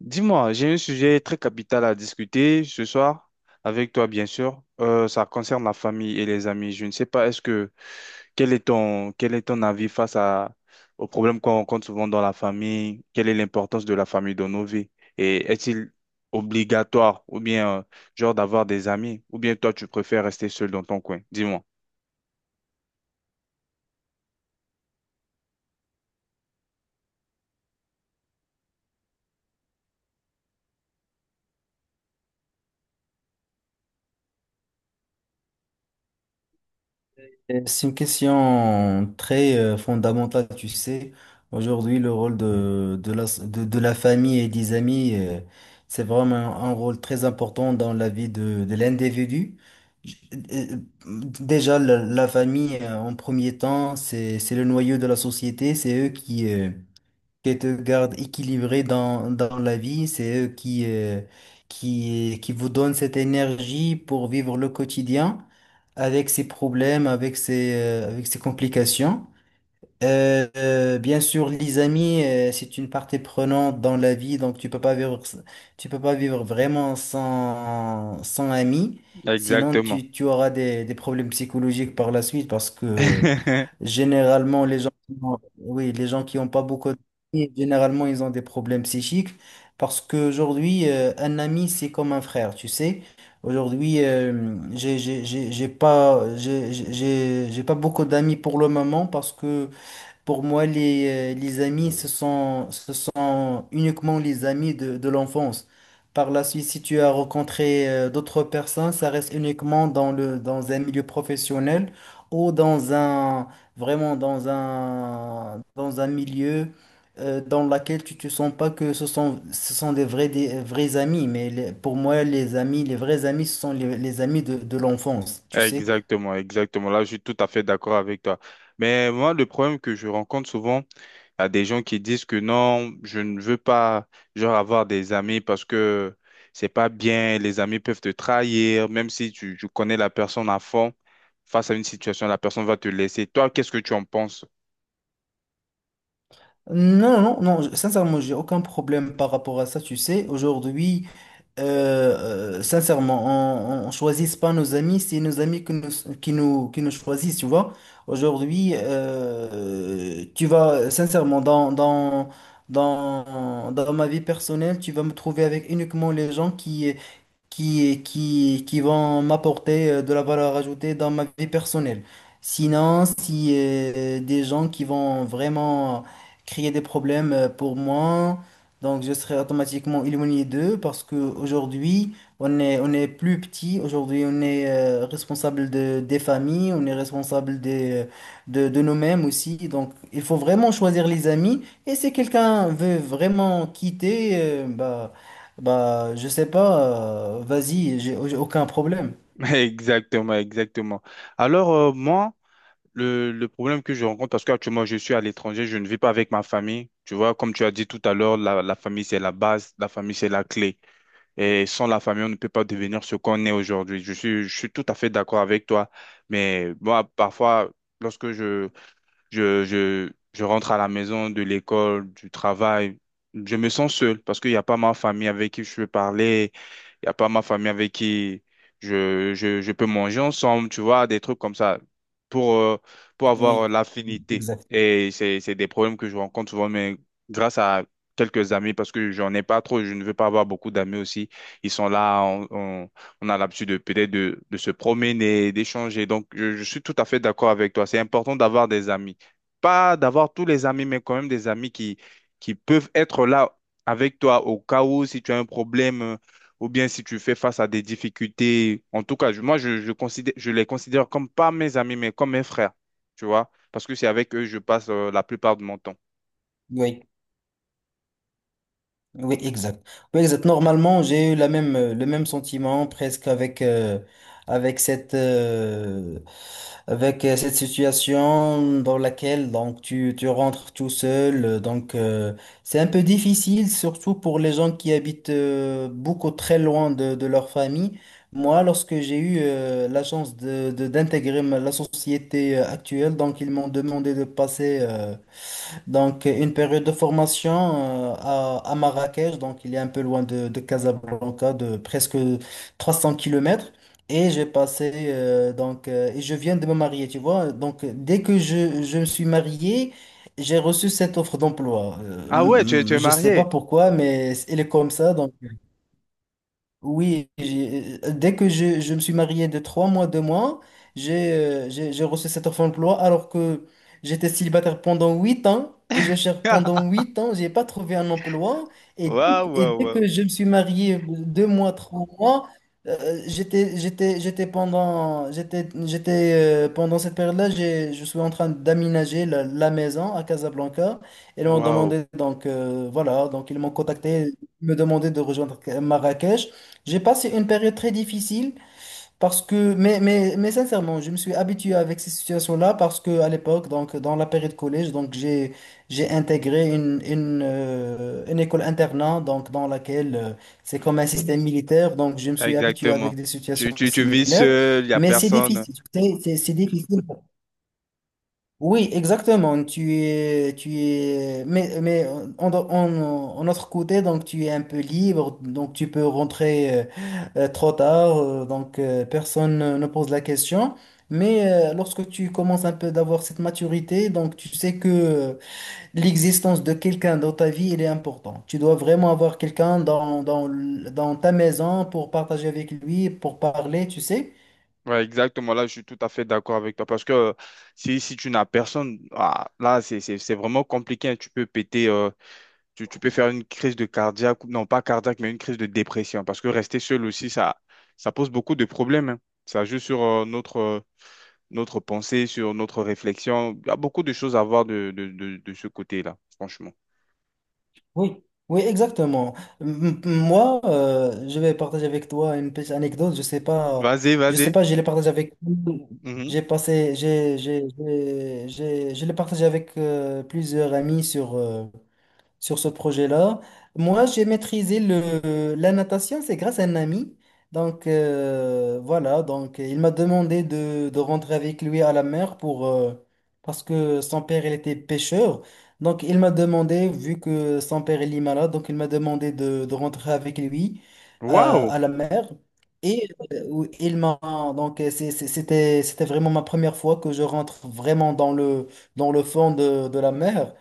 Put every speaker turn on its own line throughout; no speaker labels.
Dis-moi, j'ai un sujet très capital à discuter ce soir avec toi, bien sûr. Ça concerne la famille et les amis. Je ne sais pas, est-ce que quel est ton avis face à aux problèmes qu'on rencontre souvent dans la famille? Quelle est l'importance de la famille dans nos vies? Et est-il obligatoire ou bien genre d'avoir des amis? Ou bien toi, tu préfères rester seul dans ton coin? Dis-moi.
C'est une question très fondamentale, tu sais. Aujourd'hui, le rôle de la famille et des amis, c'est vraiment un rôle très important dans la vie de l'individu. J- euh, Déjà, la famille, en premier temps, c'est le noyau de la société. C'est eux qui te gardent équilibré dans la vie, c'est eux qui vous donnent cette énergie pour vivre le quotidien avec ses problèmes, avec avec ses complications. Bien sûr, les amis, c'est une partie prenante dans la vie, donc tu peux pas vivre, tu peux pas vivre vraiment sans amis. Sinon,
Exactement.
tu auras des problèmes psychologiques par la suite parce que généralement, les oui, les gens qui n'ont pas beaucoup d'amis, généralement, ils ont des problèmes psychiques parce qu'aujourd'hui, un ami, c'est comme un frère, tu sais. Aujourd'hui, j'ai pas beaucoup d'amis pour le moment parce que pour moi, les amis, ce sont uniquement les amis de l'enfance. Par la suite, si tu as rencontré d'autres personnes, ça reste uniquement dans un milieu professionnel ou dans un milieu dans lequel tu te sens pas que ce sont des vrais amis. Pour moi, les amis, les vrais amis, ce sont les amis de l'enfance, tu sais.
Exactement, exactement. Là, je suis tout à fait d'accord avec toi. Mais moi, le problème que je rencontre souvent, il y a des gens qui disent que non, je ne veux pas, genre, avoir des amis parce que c'est pas bien, les amis peuvent te trahir, même si tu connais la personne à fond, face à une situation, la personne va te laisser. Toi, qu'est-ce que tu en penses?
Non, non, non, sincèrement, j'ai aucun problème par rapport à ça, tu sais. Aujourd'hui, euh, sincèrement, on choisit pas nos amis, c'est nos amis qui nous choisissent, tu vois. Aujourd'hui, tu vas, sincèrement, dans ma vie personnelle, tu vas me trouver avec uniquement les gens qui vont m'apporter de la valeur ajoutée dans ma vie personnelle. Sinon, si des gens qui vont vraiment créer des problèmes pour moi, donc je serai automatiquement éloigné d'eux parce qu'aujourd'hui, on est plus petit, aujourd'hui on est responsable des familles, on est responsable de nous-mêmes aussi. Donc il faut vraiment choisir les amis. Et si quelqu'un veut vraiment quitter, bah, je sais pas, vas-y, j'ai aucun problème.
Exactement, exactement. Alors, moi, le problème que je rencontre, parce qu'actuellement je suis à l'étranger, je ne vis pas avec ma famille. Tu vois, comme tu as dit tout à l'heure, la famille c'est la base, la famille c'est la clé. Et sans la famille, on ne peut pas devenir ce qu'on est aujourd'hui. Je suis tout à fait d'accord avec toi. Mais moi, parfois, lorsque je, je, je, je rentre à la maison de l'école, du travail. Je me sens seul parce qu'il n'y a pas ma famille avec qui je peux parler. Il n'y a pas ma famille avec qui je peux manger ensemble, tu vois, des trucs comme ça pour, euh, pour avoir
Oui,
l'affinité. Et c'est des problèmes que je rencontre souvent, mais grâce à quelques amis, parce que j'en ai pas trop, je ne veux pas avoir beaucoup d'amis aussi. Ils sont là, on a l'habitude de peut-être de se promener, d'échanger. Donc, je suis tout à fait d'accord avec toi. C'est important d'avoir des amis pas d'avoir tous les amis, mais quand même des amis qui peuvent être là avec toi au cas où si tu as un problème ou bien si tu fais face à des difficultés. En tout cas, je- moi, je les considère comme pas mes amis, mais comme mes frères, tu vois, parce que c'est avec eux que je passe la plupart de mon temps.
oui. Oui, exact. Oui, exact. Normalement, j'ai eu la même, le même sentiment presque avec, avec cette, euh, cette situation dans laquelle donc, tu rentres tout seul. C'est un peu difficile, surtout pour les gens qui habitent beaucoup très loin de leur famille. Moi, lorsque j'ai eu la chance d'intégrer la société actuelle, donc ils m'ont demandé de passer. Une période de formation à Marrakech, donc il est un peu loin de Casablanca, de presque 300 kilomètres. Et j'ai passé, et je viens de me marier, tu vois. Donc, dès que je me suis marié, j'ai reçu cette offre d'emploi.
Ah ouais, tu es, tu es
Je sais pas
marié.
pourquoi, mais elle est comme ça. Donc, oui, dès que je me suis marié de trois mois, deux mois, j'ai reçu cette offre d'emploi alors que j'étais célibataire pendant 8 ans et je cherche pendant 8 ans, j'ai pas trouvé un emploi et,
Waouh, waouh,
dès
waouh.
que je me suis marié deux mois, trois mois, j'étais pendant cette période-là, j'ai je suis en train d'aménager la maison à Casablanca et ils m'ont
Waouh,
demandé donc ils m'ont contacté. Ils me demandaient de rejoindre Marrakech. J'ai passé une période très difficile parce que, mais sincèrement, je me suis habitué avec ces situations-là parce que à l'époque, donc dans la période collège, donc j'ai intégré une école internat, donc dans laquelle c'est comme un système militaire, donc je me suis habitué avec
exactement.
des situations
Tu vis
similaires,
seul, il n'y a
mais c'est
personne.
difficile, tu sais, c'est difficile. Oui, exactement. Tu es, mais en autre côté, donc tu es un peu libre, donc tu peux rentrer trop tard, personne ne pose la question. Mais lorsque tu commences un peu d'avoir cette maturité, donc tu sais que l'existence de quelqu'un dans ta vie, il est important. Tu dois vraiment avoir quelqu'un dans ta maison pour partager avec lui, pour parler, tu sais.
Ouais, exactement. Là, je suis tout à fait d'accord avec toi parce que si tu n'as personne, ah, là, c'est vraiment compliqué, hein. Tu peux péter, tu peux faire une crise de cardiaque, ou- non pas cardiaque, mais une crise de dépression parce que rester seul aussi, ça pose beaucoup de problèmes, hein. Ça joue sur notre, notre pensée, sur notre réflexion. Il y a beaucoup de choses à voir de ce côté-là, franchement.
Oui, oui, exactement. Moi, je vais partager avec toi une petite anecdote. Je sais pas,
Vas-y,
je sais
vas-y.
pas, je l'ai partagé avec,
Mhm.
j'ai passé, j'ai- je l'ai partagé avec plusieurs amis sur, sur ce projet-là. Moi, j'ai maîtrisé la natation, c'est grâce à un ami. Donc, il m'a demandé de rentrer avec lui à la mer pour, parce que son père, il était pêcheur. Donc, il m'a demandé, vu que son père, il est malade, donc il m'a demandé de rentrer avec lui
Waouh!
à la mer. Et où il m'a c'était vraiment ma première fois que je rentre vraiment dans le fond de la mer.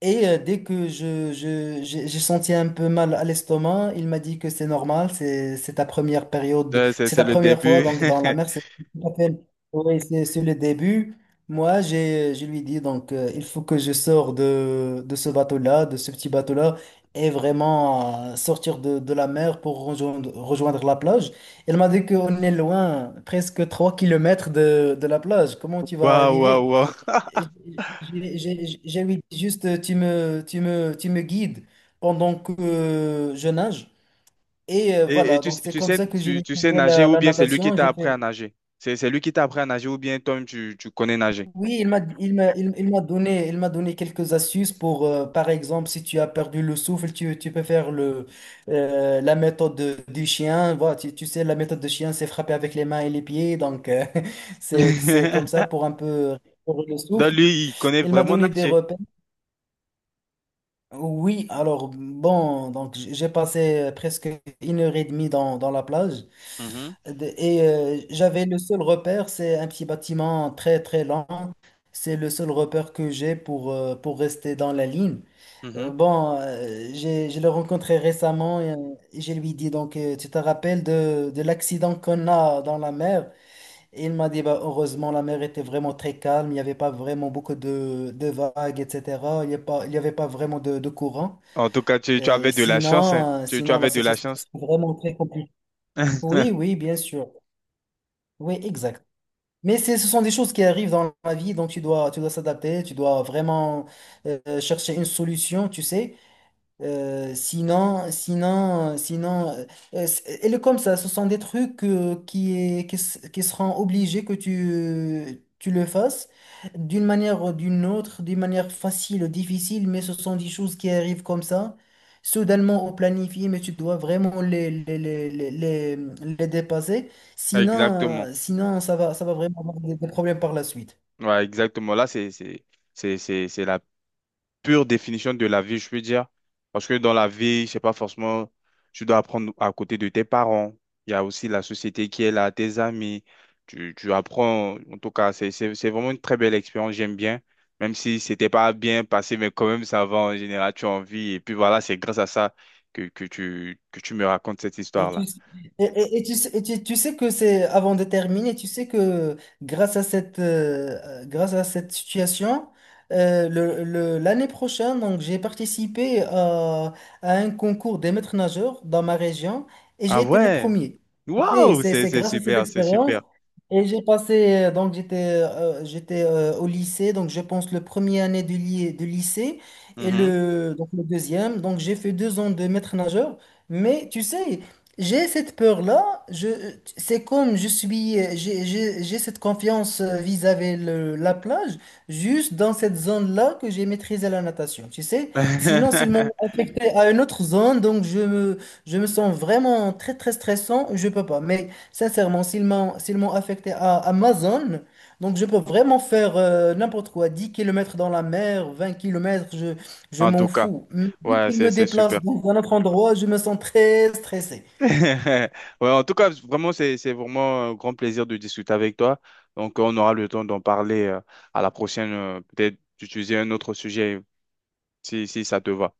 Et dès que j'ai senti un peu mal à l'estomac, il m'a dit que c'est normal, c'est ta première période, c'est
C'est
ta
le
première fois
début.
donc dans la mer, c'est tout à fait- oui, c'est le début. Moi, j'ai je lui dis donc il faut que je sors de ce bateau-là, de ce petit bateau-là et vraiment sortir de la mer pour rejoindre, rejoindre la plage. Il m'a dit qu'on est loin, presque 3 kilomètres de la plage. Comment tu vas
Waouh, waouh,
arriver?
waouh.
J'ai envie juste, tu me, tu me guides pendant que je nage. Et
Et tu, sais-
c'est
tu
comme
sais,
ça que j'ai
tu sais
maîtrisé
nager ou
la
bien c'est lui qui
natation.
t'a
J'ai
appris à
fait...
nager? C'est lui qui t'a appris à nager ou bien toi-même tu connais nager?
Oui, il m'a donné quelques astuces pour, par exemple, si tu as perdu le souffle, tu peux faire la méthode du chien. Voilà, tu sais, la méthode du chien, c'est frapper avec les mains et les pieds. Donc, c'est comme ça pour un peu... pour le
Donc
souffle.
lui, il connaît
Il m'a
vraiment
donné des
nager.
repères. Oui, alors bon, j'ai passé presque 1 heure et demie dans la plage.
Mhm,
J'avais le seul repère, c'est un petit bâtiment très très lent. C'est le seul repère que j'ai pour rester dans la ligne.
mhm.
Je l'ai rencontré récemment et je lui dis donc tu te rappelles de l'accident qu'on a dans la mer? Et il m'a dit bah, heureusement la mer était vraiment très calme, il n'y avait pas vraiment beaucoup de vagues, etc. Il n'y avait pas vraiment de courant.
En tout cas, tu avais de la chance, hein. Tu
Sinon, la
avais de la
situation
chance.
c'est vraiment très compliquée. Oui, oui, bien sûr. Oui, exact. Ce sont des choses qui arrivent dans la vie, donc tu dois s'adapter, tu dois vraiment chercher une solution, tu sais. Euh, sinon, sinon, sinon, euh, Elle est comme ça. Ce sont des trucs qui, est- qui, s- qui seront obligés que tu le fasses d'une manière ou d'une autre, d'une manière facile ou difficile, mais ce sont des choses qui arrivent comme ça, soudainement au planifié, mais tu dois vraiment les dépasser. Sinon,
Exactement.
sinon ça va vraiment avoir des problèmes par la suite.
Ouais, exactement. Là, c'est la pure définition de la vie, je peux dire. Parce que dans la vie, c'est pas forcément, tu dois apprendre à côté de tes parents. Il y a aussi la société qui est là, tes amis. Tu apprends, en tout cas, c'est vraiment une très belle expérience, j'aime bien. Même si c'était pas bien passé, mais quand même, ça va en général, tu as envie. Et puis voilà, c'est grâce à ça que tu me racontes cette
Et tu,
histoire-là.
et tu sais que c'est, avant de terminer, tu sais que grâce à cette situation, l'année prochaine, donc, j'ai participé à un concours des maîtres nageurs dans ma région et j'ai
Ah
été le
ouais,
premier. Tu sais,
waouh,
C'est,
c'est,
c'est
c'est
grâce à cette
super, c'est
expérience.
super.
Et j'ai passé, j'étais au lycée, donc je pense le premier année du lycée et
Mhm.
le, donc, le deuxième. Donc j'ai fait deux ans de maître nageur. Mais tu sais, j'ai cette peur-là, je, c'est comme je suis, j'ai cette confiance vis-à-vis la plage, juste dans cette zone-là que j'ai maîtrisé la natation, tu sais. Sinon, s'ils m'ont affecté à une autre zone, donc je me sens vraiment très, très stressant, je peux pas. Mais sincèrement, s'ils m'ont affecté à ma zone, donc je peux vraiment faire n'importe quoi, 10 kilomètres dans la mer, 20 kilomètres je
En tout
m'en
cas,
fous. Mais dès
ouais,
qu'ils
c'est,
me
c'est super.
déplacent dans un autre endroit, je me sens très stressé.
Ouais, en tout cas, vraiment, c'est vraiment un grand plaisir de discuter avec toi. Donc, on aura le temps d'en parler à la prochaine, peut-être d'utiliser un autre sujet si ça te va.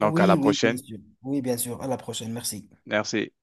Donc, à la
oui, bien
prochaine.
sûr. Oui, bien sûr. À la prochaine. Merci.
Merci.